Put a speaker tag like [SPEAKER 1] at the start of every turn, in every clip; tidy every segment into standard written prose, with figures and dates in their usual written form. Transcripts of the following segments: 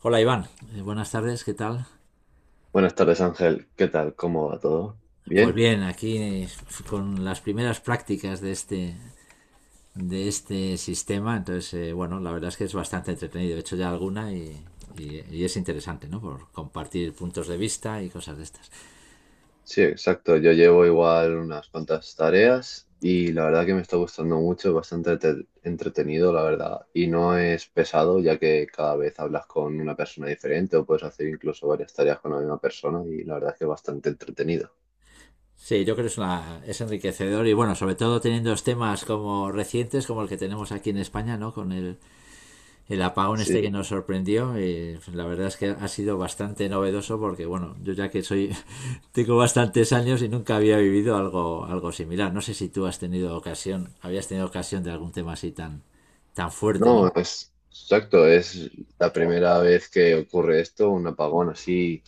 [SPEAKER 1] Hola Iván, buenas tardes, ¿qué tal?
[SPEAKER 2] Buenas tardes, Ángel. ¿Qué tal? ¿Cómo va todo?
[SPEAKER 1] Pues
[SPEAKER 2] ¿Bien?
[SPEAKER 1] bien, aquí con las primeras prácticas de este sistema, entonces, bueno, la verdad es que es bastante entretenido, he hecho ya alguna y es interesante, ¿no? Por compartir puntos de vista y cosas de estas.
[SPEAKER 2] Sí, exacto. Yo llevo igual unas cuantas tareas y la verdad que me está gustando mucho, bastante entretenido, la verdad. Y no es pesado, ya que cada vez hablas con una persona diferente o puedes hacer incluso varias tareas con la misma persona y la verdad que es bastante entretenido.
[SPEAKER 1] Sí, yo creo que es enriquecedor y bueno, sobre todo teniendo temas como recientes, como el que tenemos aquí en España, ¿no? El apagón este que
[SPEAKER 2] Sí,
[SPEAKER 1] nos sorprendió, la verdad es que ha sido bastante novedoso porque, bueno, yo ya que soy, tengo bastantes años y nunca había vivido algo similar. No sé si tú has tenido ocasión, habías tenido ocasión de algún tema así tan, tan fuerte,
[SPEAKER 2] no,
[SPEAKER 1] ¿no?
[SPEAKER 2] es exacto. Es la primera vez que ocurre esto, un apagón así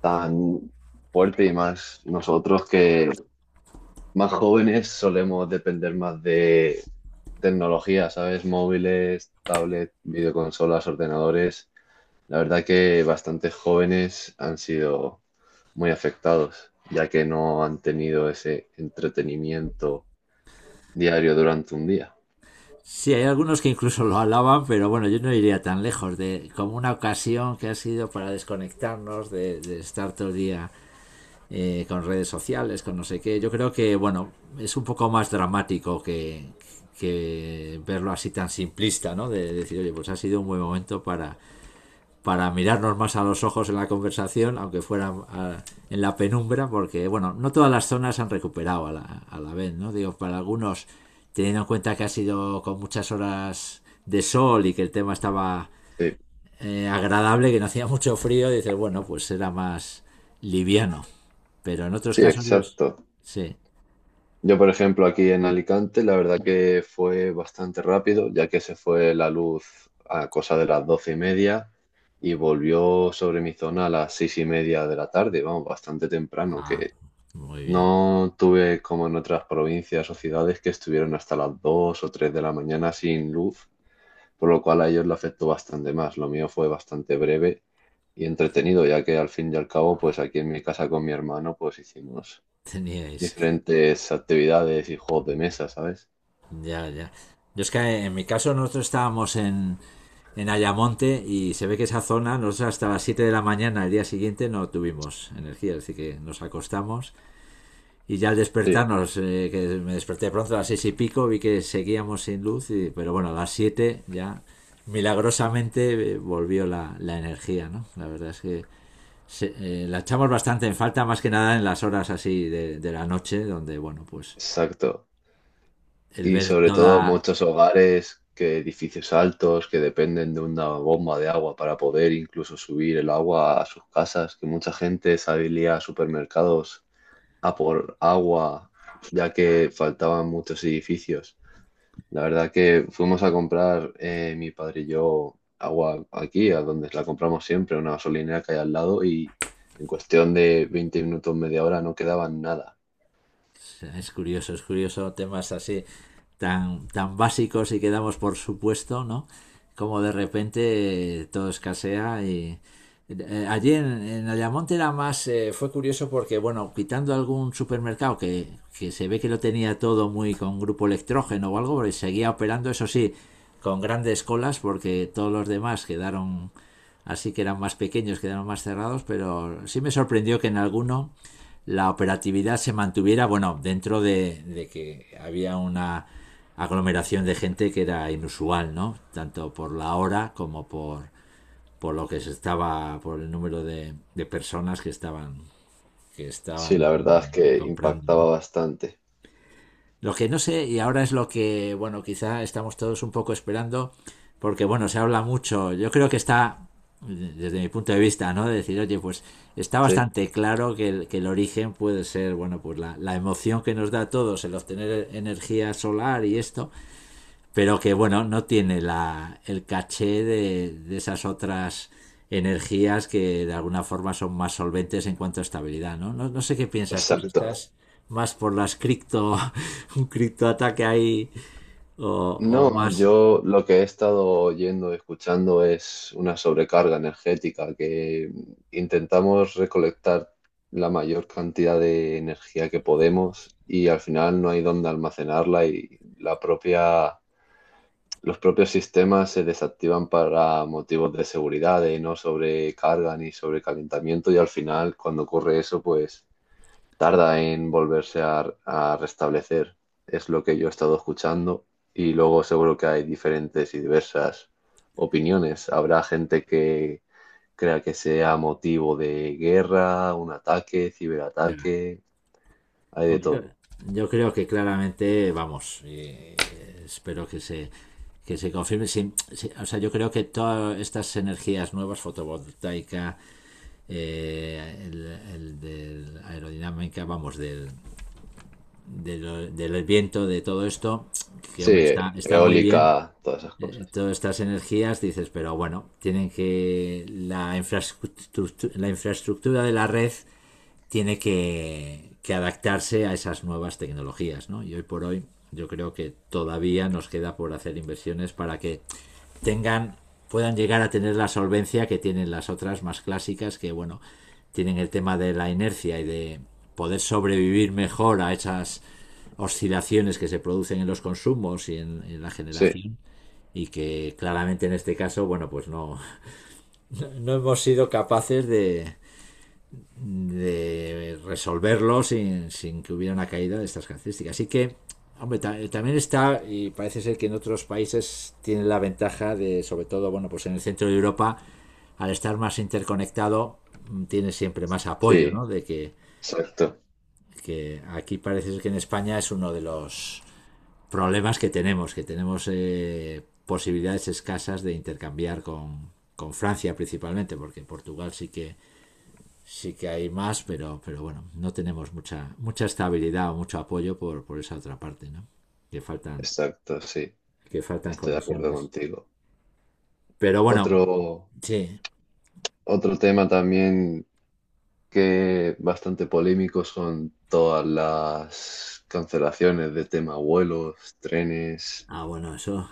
[SPEAKER 2] tan fuerte y más nosotros que más jóvenes solemos depender más de tecnología, ¿sabes? Móviles, tablets, videoconsolas, ordenadores. La verdad que bastantes jóvenes han sido muy afectados, ya que no han tenido ese entretenimiento diario durante un día.
[SPEAKER 1] Sí, hay algunos que incluso lo alaban, pero bueno, yo no iría tan lejos de como una ocasión que ha sido para desconectarnos, de estar todo el día con redes sociales, con no sé qué. Yo creo que, bueno, es un poco más dramático que verlo así tan simplista, ¿no? Decir, oye, pues ha sido un buen momento para mirarnos más a los ojos en la conversación, aunque fuera en la penumbra, porque, bueno, no todas las zonas han recuperado a la vez, ¿no? Digo, para algunos, teniendo en cuenta que ha sido con muchas horas de sol y que el tema estaba
[SPEAKER 2] Sí,
[SPEAKER 1] agradable, que no hacía mucho frío, dices, bueno, pues era más liviano pero en otros
[SPEAKER 2] sí,
[SPEAKER 1] casos los.
[SPEAKER 2] exacto.
[SPEAKER 1] Sí.
[SPEAKER 2] Yo, por ejemplo, aquí en Alicante, la verdad que fue bastante rápido, ya que se fue la luz a cosa de las 12:30 y volvió sobre mi zona a las 6:30 de la tarde, vamos, bastante temprano,
[SPEAKER 1] Ah,
[SPEAKER 2] que
[SPEAKER 1] muy bien.
[SPEAKER 2] no tuve como en otras provincias o ciudades que estuvieron hasta las 2 o 3 de la mañana sin luz, por lo cual a ellos le afectó bastante más. Lo mío fue bastante breve y entretenido, ya que al fin y al cabo, pues aquí en mi casa con mi hermano, pues hicimos
[SPEAKER 1] Teníais.
[SPEAKER 2] diferentes actividades y juegos de mesa, ¿sabes?
[SPEAKER 1] Ya, ya. Yo es que en mi caso nosotros estábamos en Ayamonte y se ve que esa zona, nosotros hasta las 7 de la mañana el día siguiente no tuvimos energía, así que nos acostamos y ya al
[SPEAKER 2] Sí,
[SPEAKER 1] despertarnos, que me desperté pronto a las 6 y pico, vi que seguíamos sin luz, pero bueno, a las 7 ya milagrosamente volvió la energía, ¿no? La verdad es que se, la echamos bastante en falta, más que nada en las horas así de la noche, donde, bueno, pues
[SPEAKER 2] exacto.
[SPEAKER 1] el
[SPEAKER 2] Y
[SPEAKER 1] ver
[SPEAKER 2] sobre todo
[SPEAKER 1] toda.
[SPEAKER 2] muchos hogares que edificios altos que dependen de una bomba de agua para poder incluso subir el agua a sus casas, que mucha gente salía a supermercados a por agua ya que faltaban muchos edificios. La verdad que fuimos a comprar mi padre y yo agua aquí, a donde la compramos siempre, una gasolinera que hay al lado y en cuestión de 20 minutos, media hora no quedaba nada.
[SPEAKER 1] Es curioso temas así tan, tan básicos y que damos por supuesto, ¿no? Como de repente todo escasea Allí en Ayamonte era más, fue curioso porque, bueno, quitando algún supermercado que se ve que lo tenía todo muy con grupo electrógeno o algo, pero seguía operando, eso sí, con grandes colas porque todos los demás quedaron así que eran más pequeños, quedaron más cerrados, pero sí me sorprendió que en alguno la operatividad se mantuviera, bueno, dentro de que había una aglomeración de gente que era inusual, ¿no? Tanto por la hora como por lo que se estaba, por el número de personas que estaban, que
[SPEAKER 2] Sí,
[SPEAKER 1] estaban
[SPEAKER 2] la verdad es que
[SPEAKER 1] comprando,
[SPEAKER 2] impactaba
[SPEAKER 1] ¿no?
[SPEAKER 2] bastante.
[SPEAKER 1] Lo que no sé, y ahora es lo que, bueno, quizá estamos todos un poco esperando, porque bueno, se habla mucho, yo creo que está, desde mi punto de vista, ¿no? De decir, oye, pues está
[SPEAKER 2] Sí,
[SPEAKER 1] bastante claro que el origen puede ser, bueno, pues la emoción que nos da a todos el obtener energía solar y esto, pero que bueno, no tiene el caché de esas otras energías que de alguna forma son más solventes en cuanto a estabilidad, ¿no? No, no sé qué piensas tú, si
[SPEAKER 2] exacto.
[SPEAKER 1] estás más por las cripto, un criptoataque ahí o, o
[SPEAKER 2] No,
[SPEAKER 1] más.
[SPEAKER 2] yo lo que he estado oyendo, escuchando es una sobrecarga energética que intentamos recolectar la mayor cantidad de energía que podemos y al final no hay dónde almacenarla y la propia los propios sistemas se desactivan para motivos de seguridad, de no sobrecarga ni sobrecalentamiento y al final cuando ocurre eso pues tarda en volverse a restablecer. Es lo que yo he estado escuchando y luego seguro que hay diferentes y diversas opiniones. Habrá gente que crea que sea motivo de guerra, un ataque,
[SPEAKER 1] Ya.
[SPEAKER 2] ciberataque, hay de
[SPEAKER 1] Yo,
[SPEAKER 2] todo.
[SPEAKER 1] yo creo que claramente, vamos, espero que se confirme. Sí, sí, o sea, yo creo que todas estas energías nuevas, fotovoltaica, eh, el, el del aerodinámica, vamos, del viento, de todo esto, que
[SPEAKER 2] Sí,
[SPEAKER 1] hombre, está muy bien.
[SPEAKER 2] eólica, todas esas cosas.
[SPEAKER 1] Todas estas energías, dices, pero bueno, tienen que la infraestructura de la red tiene que adaptarse a esas nuevas tecnologías, ¿no? Y hoy por hoy yo creo que todavía nos queda por hacer inversiones para que tengan, puedan llegar a tener la solvencia que tienen las otras más clásicas que, bueno, tienen el tema de la inercia y de poder sobrevivir mejor a esas oscilaciones que se producen en los consumos y en la
[SPEAKER 2] Sí,
[SPEAKER 1] generación y que claramente en este caso, bueno, pues no, no hemos sido capaces de resolverlo sin que hubiera una caída de estas características. Así que, hombre, también está, y parece ser que en otros países tiene la ventaja de, sobre todo, bueno, pues en el centro de Europa, al estar más interconectado, tiene siempre más apoyo,
[SPEAKER 2] sí,
[SPEAKER 1] ¿no? De que,
[SPEAKER 2] exacto,
[SPEAKER 1] que aquí parece ser que en España es uno de los problemas que tenemos, posibilidades escasas de intercambiar con Francia principalmente, porque en Portugal sí que hay más, pero bueno, no tenemos mucha, mucha estabilidad o mucho apoyo por esa otra parte, ¿no? Que faltan,
[SPEAKER 2] exacto, sí.
[SPEAKER 1] que faltan
[SPEAKER 2] Estoy de acuerdo
[SPEAKER 1] conexiones.
[SPEAKER 2] contigo.
[SPEAKER 1] Pero bueno,
[SPEAKER 2] Otro,
[SPEAKER 1] sí.
[SPEAKER 2] otro tema también que bastante polémico son todas las cancelaciones de tema vuelos, trenes
[SPEAKER 1] Ah, bueno, eso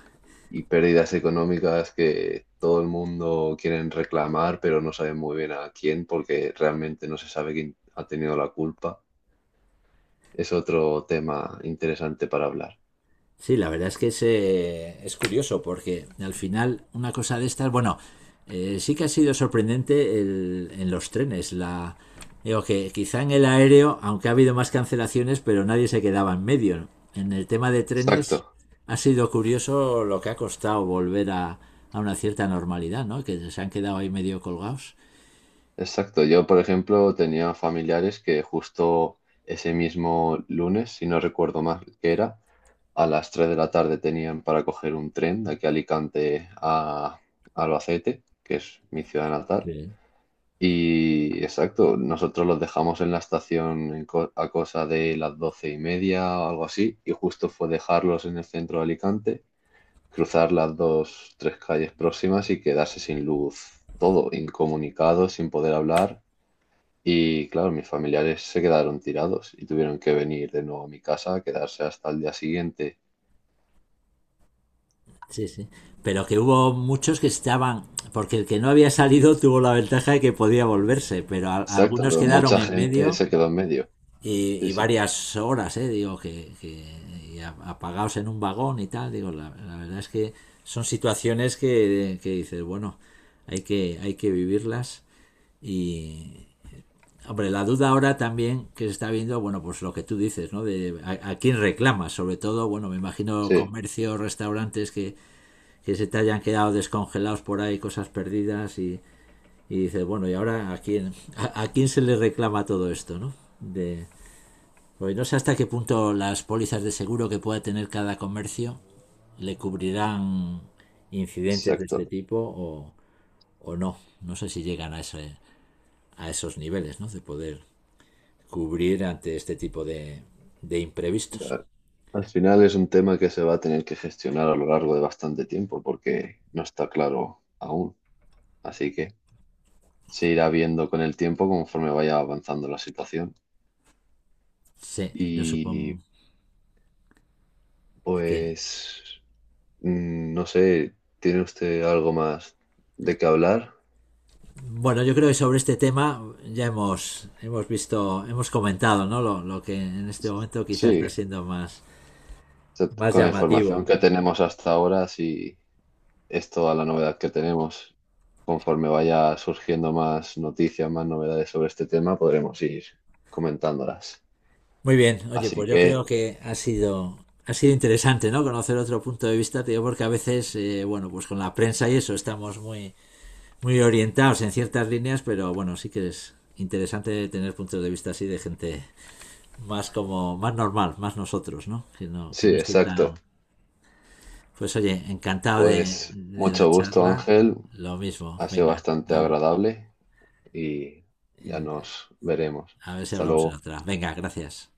[SPEAKER 2] y pérdidas económicas que todo el mundo quieren reclamar, pero no saben muy bien a quién porque realmente no se sabe quién ha tenido la culpa. Es otro tema interesante para hablar.
[SPEAKER 1] sí, la verdad es que es curioso porque al final una cosa de estas, bueno, sí que ha sido sorprendente en los trenes. Digo que quizá en el aéreo, aunque ha habido más cancelaciones, pero nadie se quedaba en medio. En el tema de trenes
[SPEAKER 2] Exacto.
[SPEAKER 1] ha sido curioso lo que ha costado volver a una cierta normalidad, ¿no? Que se han quedado ahí medio colgados.
[SPEAKER 2] Exacto, yo por ejemplo tenía familiares que justo ese mismo lunes, si no recuerdo mal que era, a las 3 de la tarde tenían para coger un tren de aquí a Alicante a Albacete, que es mi ciudad natal.
[SPEAKER 1] Sí.
[SPEAKER 2] Y exacto, nosotros los dejamos en la estación en a cosa de las 12:30 o algo así, y justo fue dejarlos en el centro de Alicante, cruzar las dos, tres calles próximas y quedarse sin luz, todo incomunicado, sin poder hablar y claro, mis familiares se quedaron tirados y tuvieron que venir de nuevo a mi casa a quedarse hasta el día siguiente.
[SPEAKER 1] Sí, sí. Pero que hubo muchos que estaban, porque el que no había salido tuvo la ventaja de que podía volverse, pero a-
[SPEAKER 2] Exacto,
[SPEAKER 1] algunos
[SPEAKER 2] pero
[SPEAKER 1] quedaron
[SPEAKER 2] mucha
[SPEAKER 1] en
[SPEAKER 2] gente
[SPEAKER 1] medio
[SPEAKER 2] se quedó en medio.
[SPEAKER 1] y,
[SPEAKER 2] Sí,
[SPEAKER 1] y
[SPEAKER 2] sí,
[SPEAKER 1] varias horas, digo, y apagados en un vagón y tal, digo, la verdad es que son situaciones que dices, bueno, hay que vivirlas y, hombre, la duda ahora también que se está viendo, bueno, pues lo que tú dices, ¿no? De a quién reclamas, sobre todo, bueno, me imagino
[SPEAKER 2] sí,
[SPEAKER 1] comercios, restaurantes que se te hayan quedado descongelados por ahí, cosas perdidas y dices, bueno, ¿y ahora a quién se le reclama todo esto? ¿No? De, pues no sé hasta qué punto las pólizas de seguro que pueda tener cada comercio le cubrirán incidentes de este
[SPEAKER 2] exacto.
[SPEAKER 1] tipo o no. No sé si llegan a esos niveles, ¿no? De poder cubrir ante este tipo de imprevistos.
[SPEAKER 2] Mira, al final es un tema que se va a tener que gestionar a lo largo de bastante tiempo porque no está claro aún. Así que se irá viendo con el tiempo conforme vaya avanzando la situación.
[SPEAKER 1] Sí, yo supongo
[SPEAKER 2] Y
[SPEAKER 1] que
[SPEAKER 2] pues, no sé, ¿tiene usted algo más de qué hablar?
[SPEAKER 1] bueno, yo creo que sobre este tema ya hemos visto, hemos comentado, ¿no? Lo que en este momento quizás está
[SPEAKER 2] Sí,
[SPEAKER 1] siendo más,
[SPEAKER 2] sea,
[SPEAKER 1] más
[SPEAKER 2] con la información
[SPEAKER 1] llamativo.
[SPEAKER 2] que tenemos hasta ahora, sí es toda la novedad que tenemos. Conforme vaya surgiendo más noticias, más novedades sobre este tema, podremos ir comentándolas.
[SPEAKER 1] Muy bien, oye,
[SPEAKER 2] Así
[SPEAKER 1] pues yo creo
[SPEAKER 2] que,
[SPEAKER 1] que ha sido interesante, ¿no? Conocer otro punto de vista, te digo, porque a veces, bueno, pues con la prensa y eso estamos muy, muy orientados en ciertas líneas, pero bueno, sí que es interesante tener puntos de vista así de gente más como, más normal, más nosotros, ¿no? Que no, que
[SPEAKER 2] sí,
[SPEAKER 1] no esté
[SPEAKER 2] exacto.
[SPEAKER 1] tan. Pues oye, encantado de,
[SPEAKER 2] Pues
[SPEAKER 1] de la
[SPEAKER 2] mucho gusto,
[SPEAKER 1] charla.
[SPEAKER 2] Ángel.
[SPEAKER 1] Lo mismo,
[SPEAKER 2] Ha sido
[SPEAKER 1] venga.
[SPEAKER 2] bastante agradable y ya
[SPEAKER 1] Eh,
[SPEAKER 2] nos veremos.
[SPEAKER 1] a ver si
[SPEAKER 2] Hasta
[SPEAKER 1] hablamos en
[SPEAKER 2] luego.
[SPEAKER 1] otra. Venga, gracias.